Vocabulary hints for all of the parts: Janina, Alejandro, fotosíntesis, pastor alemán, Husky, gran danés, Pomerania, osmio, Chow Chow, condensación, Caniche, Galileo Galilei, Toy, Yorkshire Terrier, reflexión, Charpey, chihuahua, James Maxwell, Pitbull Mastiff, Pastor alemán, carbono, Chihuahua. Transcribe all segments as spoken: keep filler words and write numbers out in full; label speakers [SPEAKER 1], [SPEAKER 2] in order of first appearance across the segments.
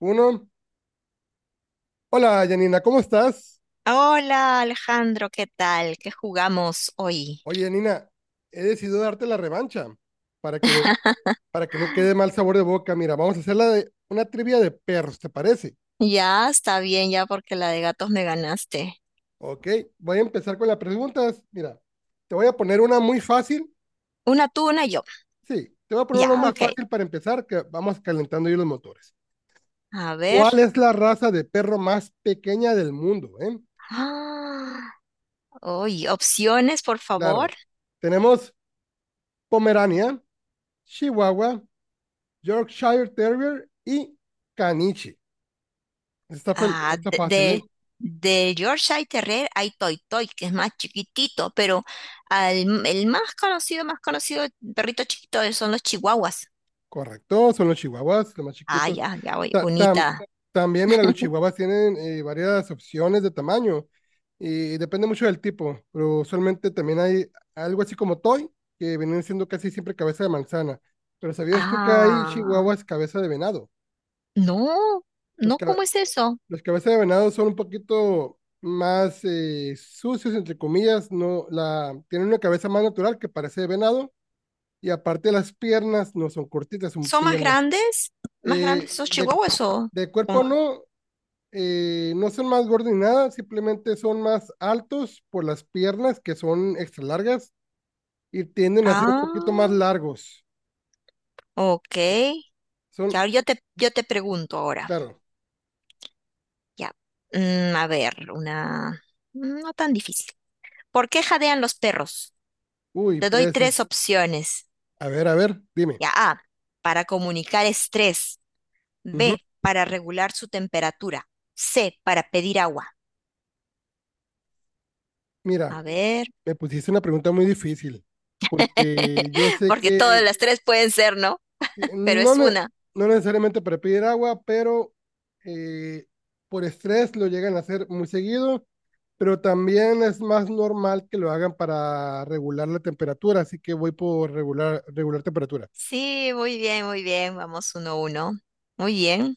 [SPEAKER 1] Uno. Hola, Janina, ¿cómo estás?
[SPEAKER 2] Hola Alejandro, ¿qué tal? ¿Qué jugamos hoy?
[SPEAKER 1] Oye, Janina, he decidido darte la revancha para que me, para que no quede mal sabor de boca. Mira, vamos a hacer la de una trivia de perros, ¿te parece?
[SPEAKER 2] Ya está bien, ya porque la de gatos me ganaste.
[SPEAKER 1] Ok, voy a empezar con las preguntas. Mira, te voy a poner una muy fácil.
[SPEAKER 2] Una tú, una yo.
[SPEAKER 1] Sí, te voy a poner una
[SPEAKER 2] Ya,
[SPEAKER 1] muy
[SPEAKER 2] ok.
[SPEAKER 1] fácil para empezar, que vamos calentando yo los motores.
[SPEAKER 2] A ver.
[SPEAKER 1] ¿Cuál es la raza de perro más pequeña del mundo, eh?
[SPEAKER 2] Ah, uy, opciones, por favor.
[SPEAKER 1] Claro, tenemos Pomerania, Chihuahua, Yorkshire Terrier y Caniche. Está, fel-
[SPEAKER 2] Ah,
[SPEAKER 1] está
[SPEAKER 2] de,
[SPEAKER 1] fácil, ¿eh?
[SPEAKER 2] de, de Yorkshire Terrier hay Toy Toy, que es más chiquitito, pero al- el más conocido, más conocido perrito chiquito son los chihuahuas.
[SPEAKER 1] Correcto, son los chihuahuas, los más
[SPEAKER 2] Ah,
[SPEAKER 1] chiquitos.
[SPEAKER 2] ya, ya voy.
[SPEAKER 1] Ta- tam-
[SPEAKER 2] Unita.
[SPEAKER 1] También, mira, los chihuahuas tienen eh, varias opciones de tamaño y depende mucho del tipo, pero usualmente también hay algo así como toy, que vienen siendo casi siempre cabeza de manzana. Pero ¿sabías tú que hay
[SPEAKER 2] Ah,
[SPEAKER 1] chihuahuas cabeza de venado?
[SPEAKER 2] no,
[SPEAKER 1] Los,
[SPEAKER 2] no,
[SPEAKER 1] ca-
[SPEAKER 2] ¿cómo es eso?
[SPEAKER 1] los cabezas de venado son un poquito más eh, sucios, entre comillas, no, la, tienen una cabeza más natural que parece de venado. Y aparte las piernas no son cortitas, son
[SPEAKER 2] ¿Son más
[SPEAKER 1] piernas.
[SPEAKER 2] grandes? ¿Más grandes
[SPEAKER 1] Eh,
[SPEAKER 2] esos
[SPEAKER 1] de,
[SPEAKER 2] chihuahuas o
[SPEAKER 1] de cuerpo
[SPEAKER 2] como-
[SPEAKER 1] no, eh, no son más gordos ni nada, simplemente son más altos por las piernas que son extra largas y tienden a ser un poquito más
[SPEAKER 2] Ah,
[SPEAKER 1] largos.
[SPEAKER 2] ok. Que
[SPEAKER 1] Son,
[SPEAKER 2] ahora yo te, yo te pregunto ahora.
[SPEAKER 1] claro.
[SPEAKER 2] Ya. Mm, a ver, una... No tan difícil. ¿Por qué jadean los perros?
[SPEAKER 1] Uy,
[SPEAKER 2] Te doy
[SPEAKER 1] puede ser.
[SPEAKER 2] tres opciones.
[SPEAKER 1] A ver, a ver, dime.
[SPEAKER 2] Ya, A, para comunicar estrés.
[SPEAKER 1] Ujú.
[SPEAKER 2] B, para regular su temperatura. C, para pedir agua.
[SPEAKER 1] Mira,
[SPEAKER 2] A ver,
[SPEAKER 1] me pusiste una pregunta muy difícil porque yo sé
[SPEAKER 2] porque todas
[SPEAKER 1] que
[SPEAKER 2] las tres pueden ser, ¿no? Pero
[SPEAKER 1] No,
[SPEAKER 2] es
[SPEAKER 1] ne-
[SPEAKER 2] una.
[SPEAKER 1] no necesariamente para pedir agua, pero eh, por estrés lo llegan a hacer muy seguido, pero también es más normal que lo hagan para regular la temperatura, así que voy por regular, regular temperatura.
[SPEAKER 2] Sí, muy bien, muy bien. Vamos uno a uno. Muy bien.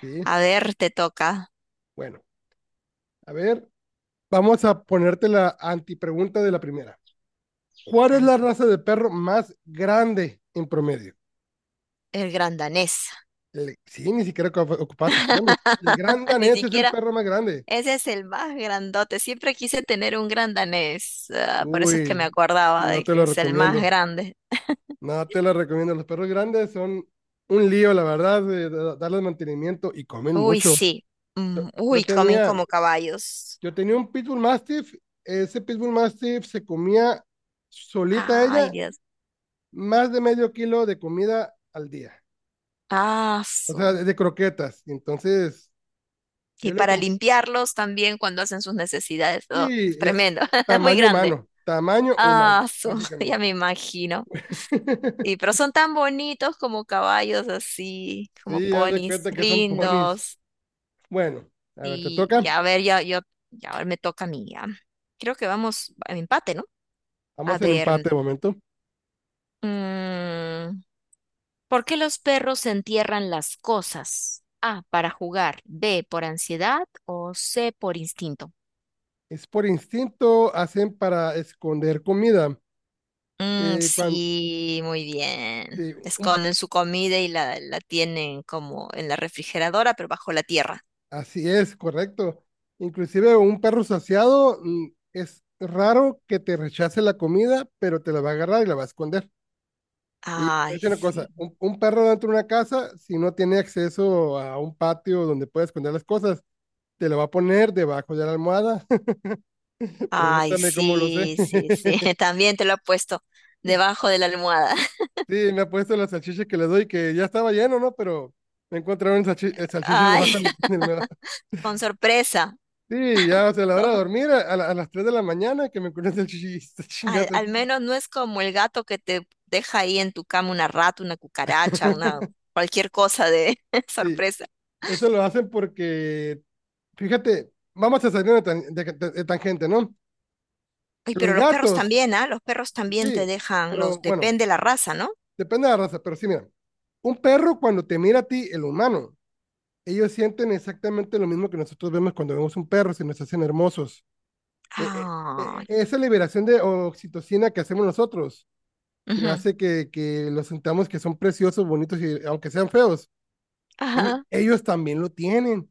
[SPEAKER 1] Sí,
[SPEAKER 2] A ver, te toca
[SPEAKER 1] bueno, a ver, vamos a ponerte la antipregunta de la primera. ¿Cuál es la raza de perro más grande en promedio?
[SPEAKER 2] el gran danés.
[SPEAKER 1] El- sí, ni siquiera ocu- ocupas opciones. El gran
[SPEAKER 2] Ni
[SPEAKER 1] danés es el
[SPEAKER 2] siquiera,
[SPEAKER 1] perro más grande.
[SPEAKER 2] ese es el más grandote. Siempre quise tener un gran danés. Ah, por eso es que me
[SPEAKER 1] Uy,
[SPEAKER 2] acordaba
[SPEAKER 1] no
[SPEAKER 2] de
[SPEAKER 1] te
[SPEAKER 2] que
[SPEAKER 1] lo
[SPEAKER 2] es el más
[SPEAKER 1] recomiendo.
[SPEAKER 2] grande.
[SPEAKER 1] No, te la recomiendo. Los perros grandes son un lío, la verdad, de de darles mantenimiento y comen
[SPEAKER 2] Uy,
[SPEAKER 1] mucho.
[SPEAKER 2] sí. Mm,
[SPEAKER 1] Yo
[SPEAKER 2] uy, comen
[SPEAKER 1] tenía,
[SPEAKER 2] como caballos.
[SPEAKER 1] yo tenía un Pitbull Mastiff. Ese Pitbull Mastiff se comía solita
[SPEAKER 2] Ay,
[SPEAKER 1] ella
[SPEAKER 2] Dios.
[SPEAKER 1] más de medio kilo de comida al día.
[SPEAKER 2] Ah,
[SPEAKER 1] O sea,
[SPEAKER 2] su.
[SPEAKER 1] de, de croquetas. Entonces,
[SPEAKER 2] Y
[SPEAKER 1] yo le
[SPEAKER 2] para
[SPEAKER 1] compré,
[SPEAKER 2] limpiarlos también cuando hacen sus necesidades. Oh,
[SPEAKER 1] sí, eh,
[SPEAKER 2] tremendo. Muy
[SPEAKER 1] tamaño
[SPEAKER 2] grande.
[SPEAKER 1] humano, tamaño humano,
[SPEAKER 2] Ah, su. Ya
[SPEAKER 1] básicamente.
[SPEAKER 2] me imagino. Y pero son tan bonitos como caballos así, como
[SPEAKER 1] Sí, ya de
[SPEAKER 2] ponis
[SPEAKER 1] cuenta que son ponis.
[SPEAKER 2] lindos.
[SPEAKER 1] Bueno, a ver, te
[SPEAKER 2] Y, y
[SPEAKER 1] toca.
[SPEAKER 2] a ver, ya, yo, ya ahora me toca a mí. Ya. Creo que vamos a empate, ¿no? A
[SPEAKER 1] Vamos en
[SPEAKER 2] ver,
[SPEAKER 1] empate de momento.
[SPEAKER 2] mm, ¿por qué los perros entierran las cosas? A, para jugar, B, por ansiedad o C, por instinto.
[SPEAKER 1] Es por instinto, hacen para esconder comida.
[SPEAKER 2] Mm,
[SPEAKER 1] Eh, cuan-
[SPEAKER 2] sí, muy bien.
[SPEAKER 1] sí, un-
[SPEAKER 2] Esconden su comida y la, la tienen como en la refrigeradora, pero bajo la tierra.
[SPEAKER 1] Así es, correcto. Inclusive un perro saciado mm, es raro que te rechace la comida, pero te la va a agarrar y la va a esconder. Y te voy a
[SPEAKER 2] Ay,
[SPEAKER 1] decir una cosa,
[SPEAKER 2] sí.
[SPEAKER 1] un, un perro dentro de una casa, si no tiene acceso a un patio donde pueda esconder las cosas, te lo va a poner debajo de la almohada.
[SPEAKER 2] Ay,
[SPEAKER 1] Pregúntame cómo lo sé.
[SPEAKER 2] sí, sí, sí. También te lo he puesto debajo de la almohada.
[SPEAKER 1] Sí, me ha puesto las salchichas que le doy, que ya estaba lleno, ¿no? Pero me encontraron salchi- eh, salchichas debajo
[SPEAKER 2] Ay,
[SPEAKER 1] de mi en el mero-
[SPEAKER 2] con sorpresa.
[SPEAKER 1] Sí, ya, o sea, a la hora de dormir, a, a la- a las tres de la mañana, que me encontré salchichas, chingada
[SPEAKER 2] Al, al
[SPEAKER 1] salchicha.
[SPEAKER 2] menos no es como el gato que te deja ahí en tu cama una rata, una cucaracha, una cualquier cosa de
[SPEAKER 1] Sí,
[SPEAKER 2] sorpresa.
[SPEAKER 1] eso lo hacen porque, fíjate, vamos a salir de, tan- de- de- de tangente, ¿no?
[SPEAKER 2] Ay,
[SPEAKER 1] Los
[SPEAKER 2] pero los perros
[SPEAKER 1] gatos,
[SPEAKER 2] también, ¿ah? Los perros también te
[SPEAKER 1] sí,
[SPEAKER 2] dejan,
[SPEAKER 1] pero
[SPEAKER 2] los
[SPEAKER 1] bueno,
[SPEAKER 2] depende la raza, ¿no?
[SPEAKER 1] depende de la raza, pero sí, mira, un perro cuando te mira a ti, el humano, ellos sienten exactamente lo mismo que nosotros vemos cuando vemos un perro, se nos hacen hermosos. eh, eh,
[SPEAKER 2] Ay.
[SPEAKER 1] Esa liberación de oxitocina que hacemos nosotros, que
[SPEAKER 2] Ujú.
[SPEAKER 1] hace que, que los sentamos que son preciosos, bonitos, y aunque sean feos, e-
[SPEAKER 2] Ajá.
[SPEAKER 1] ellos también lo tienen.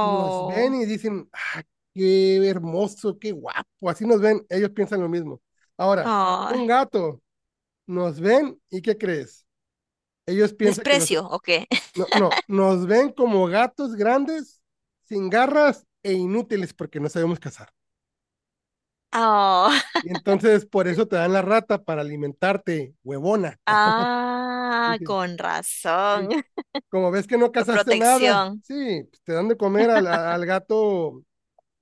[SPEAKER 1] Nos ven y dicen, ah, qué hermoso, qué guapo, así nos ven, ellos piensan lo mismo. Ahora, un
[SPEAKER 2] Ay.
[SPEAKER 1] gato, nos ven y ¿qué crees? Ellos piensan que nos,
[SPEAKER 2] ¿Desprecio o qué?
[SPEAKER 1] no, no, nos ven como gatos grandes, sin garras e inútiles porque no sabemos cazar.
[SPEAKER 2] Oh.
[SPEAKER 1] Y entonces por eso te dan la rata para alimentarte, huevona.
[SPEAKER 2] Ah,
[SPEAKER 1] Dije,
[SPEAKER 2] con razón.
[SPEAKER 1] "Y como ves que no cazaste nada,
[SPEAKER 2] Protección.
[SPEAKER 1] sí, pues te dan de comer al, a- al gato,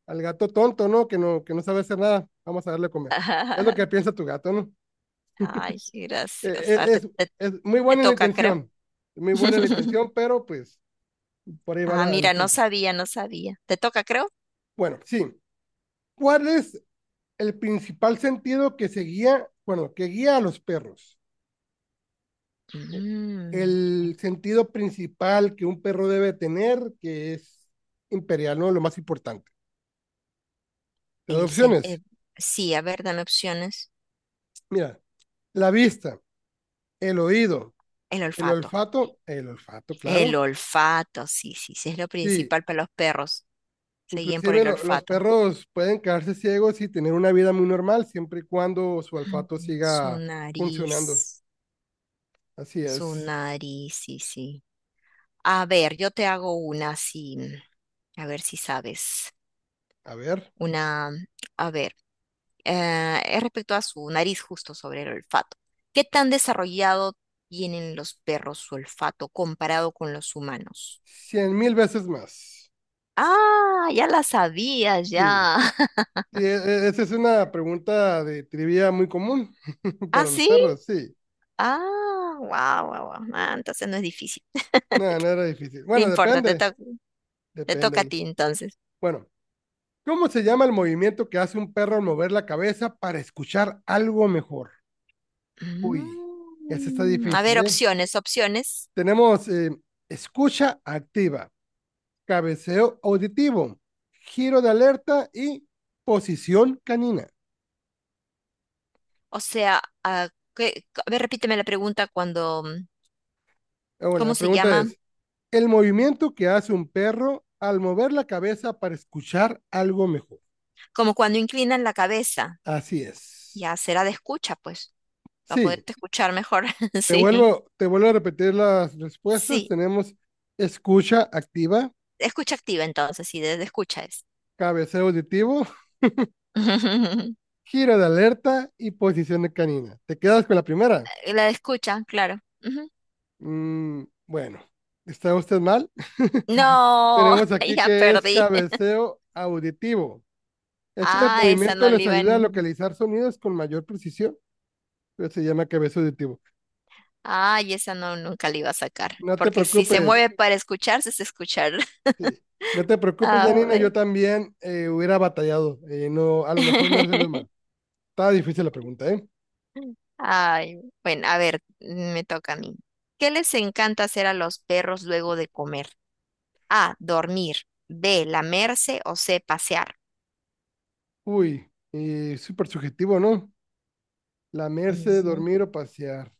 [SPEAKER 1] al gato tonto, ¿no? Que no, que no sabe hacer nada. Vamos a darle a comer. Es lo que piensa tu gato, ¿no?
[SPEAKER 2] Ay,
[SPEAKER 1] Eh,
[SPEAKER 2] gracias.
[SPEAKER 1] eh,
[SPEAKER 2] Ah, te,
[SPEAKER 1] es,
[SPEAKER 2] te-
[SPEAKER 1] es muy
[SPEAKER 2] te
[SPEAKER 1] buena la
[SPEAKER 2] toca, creo.
[SPEAKER 1] intención, muy buena la intención, pero pues por ahí va
[SPEAKER 2] Ah,
[SPEAKER 1] la- el
[SPEAKER 2] mira, no
[SPEAKER 1] asunto.
[SPEAKER 2] sabía, no sabía. ¿Te toca, creo?
[SPEAKER 1] Bueno, sí. ¿Cuál es el principal sentido que se guía, bueno, que guía a los perros? eh,
[SPEAKER 2] Mm,
[SPEAKER 1] el sentido principal que un perro debe tener, que es imperial, ¿no? Lo más importante. Las
[SPEAKER 2] el, sen-
[SPEAKER 1] opciones,
[SPEAKER 2] eh, sí, a ver, dame opciones.
[SPEAKER 1] mira, la vista, el oído,
[SPEAKER 2] El
[SPEAKER 1] el
[SPEAKER 2] olfato.
[SPEAKER 1] olfato, el olfato,
[SPEAKER 2] El
[SPEAKER 1] claro.
[SPEAKER 2] olfato, sí, sí, sí, es lo
[SPEAKER 1] Sí,
[SPEAKER 2] principal para los perros. Se guían por
[SPEAKER 1] inclusive
[SPEAKER 2] el
[SPEAKER 1] lo- los
[SPEAKER 2] olfato.
[SPEAKER 1] perros pueden quedarse ciegos y tener una vida muy normal siempre y cuando su olfato
[SPEAKER 2] Mm. Su
[SPEAKER 1] siga funcionando.
[SPEAKER 2] nariz,
[SPEAKER 1] Así
[SPEAKER 2] su
[SPEAKER 1] es.
[SPEAKER 2] nariz, sí, sí. A ver, yo te hago una sí a ver si sabes.
[SPEAKER 1] A ver,
[SPEAKER 2] Una, a ver. Eh, es respecto a su nariz justo sobre el olfato. ¿Qué tan desarrollado tienen los perros su olfato comparado con los humanos?
[SPEAKER 1] cien mil veces más.
[SPEAKER 2] Ah, ya la sabía,
[SPEAKER 1] Sí.
[SPEAKER 2] ya.
[SPEAKER 1] Sí, e- e- Esa es una pregunta de trivia muy común
[SPEAKER 2] ¿Ah,
[SPEAKER 1] para los
[SPEAKER 2] sí?
[SPEAKER 1] perros, sí.
[SPEAKER 2] Ah, wow, wow, wow. Ah, entonces no es difícil.
[SPEAKER 1] No, no era difícil.
[SPEAKER 2] No
[SPEAKER 1] Bueno,
[SPEAKER 2] importa, te
[SPEAKER 1] depende,
[SPEAKER 2] to- te
[SPEAKER 1] depende
[SPEAKER 2] toca a
[SPEAKER 1] ahí.
[SPEAKER 2] ti entonces.
[SPEAKER 1] Bueno, ¿cómo se llama el movimiento que hace un perro al mover la cabeza para escuchar algo mejor? Uy, ese está
[SPEAKER 2] Mm, a
[SPEAKER 1] difícil,
[SPEAKER 2] ver,
[SPEAKER 1] ¿eh?
[SPEAKER 2] opciones, opciones.
[SPEAKER 1] Tenemos eh, escucha activa, cabeceo auditivo, giro de alerta y posición canina.
[SPEAKER 2] O sea, ah, ¿qué- a ver, repíteme la pregunta cuando, mm,
[SPEAKER 1] Ah, bueno,
[SPEAKER 2] ¿cómo
[SPEAKER 1] la
[SPEAKER 2] se
[SPEAKER 1] pregunta
[SPEAKER 2] llama?
[SPEAKER 1] es, ¿el movimiento que hace un perro al mover la cabeza para escuchar algo mejor?
[SPEAKER 2] Como cuando inclinan la cabeza.
[SPEAKER 1] Así es.
[SPEAKER 2] Ya será de escucha, pues, para
[SPEAKER 1] Sí,
[SPEAKER 2] poderte escuchar mejor.
[SPEAKER 1] Te
[SPEAKER 2] Sí,
[SPEAKER 1] vuelvo, te vuelvo a repetir las respuestas.
[SPEAKER 2] sí,
[SPEAKER 1] Tenemos escucha activa,
[SPEAKER 2] escucha activa entonces, sí, de de escucha es.
[SPEAKER 1] cabeceo auditivo, giro de alerta y posición de canina. ¿Te quedas con la primera?
[SPEAKER 2] La de escucha, claro. Ujú.
[SPEAKER 1] Mm, bueno, está usted mal.
[SPEAKER 2] No,
[SPEAKER 1] Tenemos aquí
[SPEAKER 2] ya
[SPEAKER 1] que es
[SPEAKER 2] perdí.
[SPEAKER 1] cabeceo auditivo. Este
[SPEAKER 2] Ah, esa
[SPEAKER 1] movimiento
[SPEAKER 2] no la
[SPEAKER 1] les
[SPEAKER 2] iba
[SPEAKER 1] ayuda a
[SPEAKER 2] en...
[SPEAKER 1] localizar sonidos con mayor precisión, pero se llama cabeceo auditivo.
[SPEAKER 2] Ay, esa no, nunca la iba a sacar,
[SPEAKER 1] No te
[SPEAKER 2] porque si se
[SPEAKER 1] preocupes,
[SPEAKER 2] mueve para escucharse, es escuchar.
[SPEAKER 1] sí. No te preocupes,
[SPEAKER 2] A
[SPEAKER 1] Janina, yo
[SPEAKER 2] ver.
[SPEAKER 1] también eh, hubiera batallado. Eh, no, a lo mejor me hubiera salido mal. Está difícil la pregunta, ¿eh?
[SPEAKER 2] Ay, bueno, a ver, me toca a mí. ¿Qué les encanta hacer a los perros luego de comer? A, dormir. B, lamerse o C, pasear.
[SPEAKER 1] Uy, eh, súper subjetivo, ¿no? Lamerse,
[SPEAKER 2] Ujú.
[SPEAKER 1] dormir o pasear.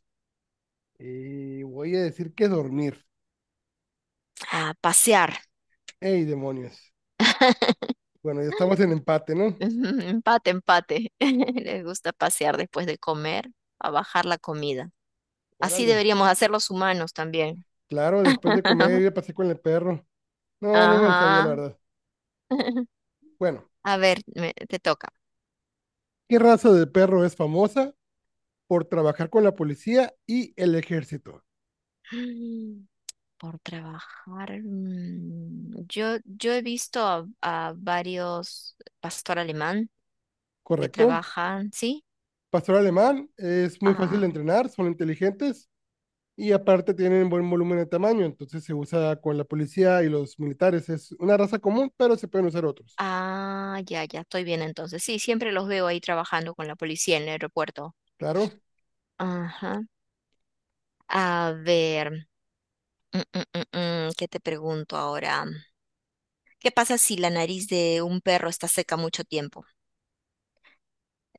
[SPEAKER 1] Eh, voy a decir que dormir.
[SPEAKER 2] Ah, pasear.
[SPEAKER 1] ¡Ey, demonios! Bueno, ya estamos en empate, ¿no?
[SPEAKER 2] Empate, empate. Les gusta pasear después de comer, a bajar la comida. Así
[SPEAKER 1] Órale.
[SPEAKER 2] deberíamos hacer los humanos también.
[SPEAKER 1] Claro, después de comer, ir a pasear con el perro. No, no me lo sabía, la
[SPEAKER 2] Ajá.
[SPEAKER 1] verdad. Bueno,
[SPEAKER 2] A ver, me- te toca.
[SPEAKER 1] ¿qué raza de perro es famosa por trabajar con la policía y el ejército?
[SPEAKER 2] Mm, por trabajar. mm, Yo, yo he visto a, a varios pastor alemán que
[SPEAKER 1] ¿Correcto?
[SPEAKER 2] trabajan, ¿sí?
[SPEAKER 1] Pastor alemán, es muy fácil de entrenar, son inteligentes y aparte tienen buen volumen de tamaño, entonces se usa con la policía y los militares. Es una raza común, pero se pueden usar otros.
[SPEAKER 2] Ah, ya, ya, estoy bien entonces. Sí, siempre los veo ahí trabajando con la policía en el aeropuerto.
[SPEAKER 1] Claro,
[SPEAKER 2] Ajá. A ver, mm, mm, mm, mm, ¿qué te pregunto ahora? ¿Qué pasa si la nariz de un perro está seca mucho tiempo?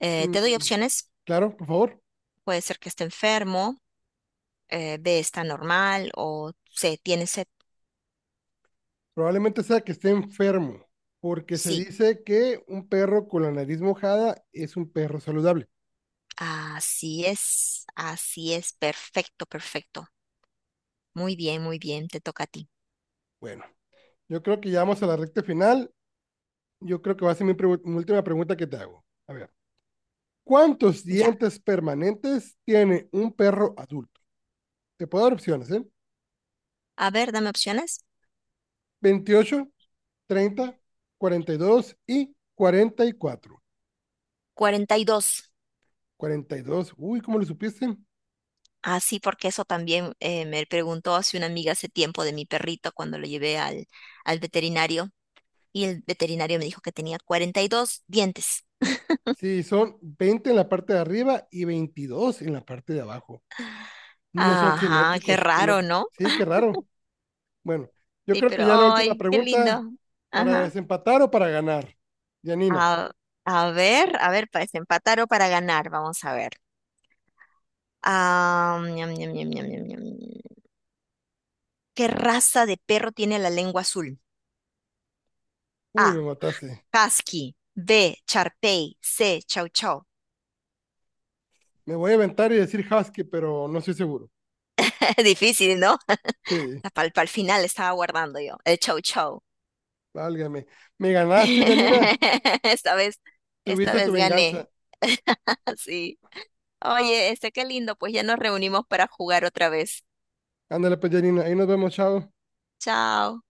[SPEAKER 2] Eh,
[SPEAKER 1] mm,
[SPEAKER 2] te doy opciones.
[SPEAKER 1] claro, por favor.
[SPEAKER 2] Puede ser que esté enfermo, eh, B está normal o C tiene sed.
[SPEAKER 1] Probablemente sea que esté enfermo, porque se
[SPEAKER 2] Sí,
[SPEAKER 1] dice que un perro con la nariz mojada es un perro saludable.
[SPEAKER 2] así es, así es, perfecto, perfecto. Muy bien, muy bien, te toca a ti.
[SPEAKER 1] Bueno, yo creo que ya vamos a la recta final. Yo creo que va a ser mi, pregu- mi última pregunta que te hago. A ver, ¿cuántos
[SPEAKER 2] Ya.
[SPEAKER 1] dientes permanentes tiene un perro adulto? Te puedo dar opciones, ¿eh?
[SPEAKER 2] A ver, dame opciones.
[SPEAKER 1] Veintiocho, treinta, cuarenta y dos y y cuarenta cuarenta cuatro.
[SPEAKER 2] Cuarenta y dos.
[SPEAKER 1] Cuarenta y dos, uy, ¿cómo lo supiste?
[SPEAKER 2] Ah, sí, porque eso también eh, me preguntó hace una amiga hace tiempo de mi perrito cuando lo llevé al, al veterinario y el veterinario me dijo que tenía cuarenta y dos dientes.
[SPEAKER 1] Sí, son veinte en la parte de arriba y veintidós en la parte de abajo. No son
[SPEAKER 2] Ajá, qué
[SPEAKER 1] simétricos, qué
[SPEAKER 2] raro,
[SPEAKER 1] loco.
[SPEAKER 2] ¿no?
[SPEAKER 1] Sí, qué raro. Bueno, yo
[SPEAKER 2] Sí,
[SPEAKER 1] creo que
[SPEAKER 2] pero
[SPEAKER 1] ya la última
[SPEAKER 2] ay, qué
[SPEAKER 1] pregunta,
[SPEAKER 2] lindo.
[SPEAKER 1] ¿para
[SPEAKER 2] Ajá.
[SPEAKER 1] desempatar o para ganar? Yanina,
[SPEAKER 2] A, a ver, a ver, para desempatar o para ganar, vamos a ver. Ah, ñam, ñam, ñam, ñam, ñam, ñam. ¿Qué raza de perro tiene la lengua azul?
[SPEAKER 1] uy,
[SPEAKER 2] A,
[SPEAKER 1] me mataste.
[SPEAKER 2] Husky. B, Charpey. C, Chow Chow.
[SPEAKER 1] Me voy a inventar y decir Husky, pero no estoy seguro.
[SPEAKER 2] Difícil, ¿no?
[SPEAKER 1] Sí,
[SPEAKER 2] Para el final estaba guardando yo, el chau chau.
[SPEAKER 1] válgame. Me ganaste, Yanina.
[SPEAKER 2] Esta vez, esta
[SPEAKER 1] Tuviste tu
[SPEAKER 2] vez
[SPEAKER 1] venganza.
[SPEAKER 2] gané. Sí. Oye, este qué lindo, pues ya nos reunimos para jugar otra vez.
[SPEAKER 1] Ándale, pues, Yanina. Ahí nos vemos, chao.
[SPEAKER 2] Chao.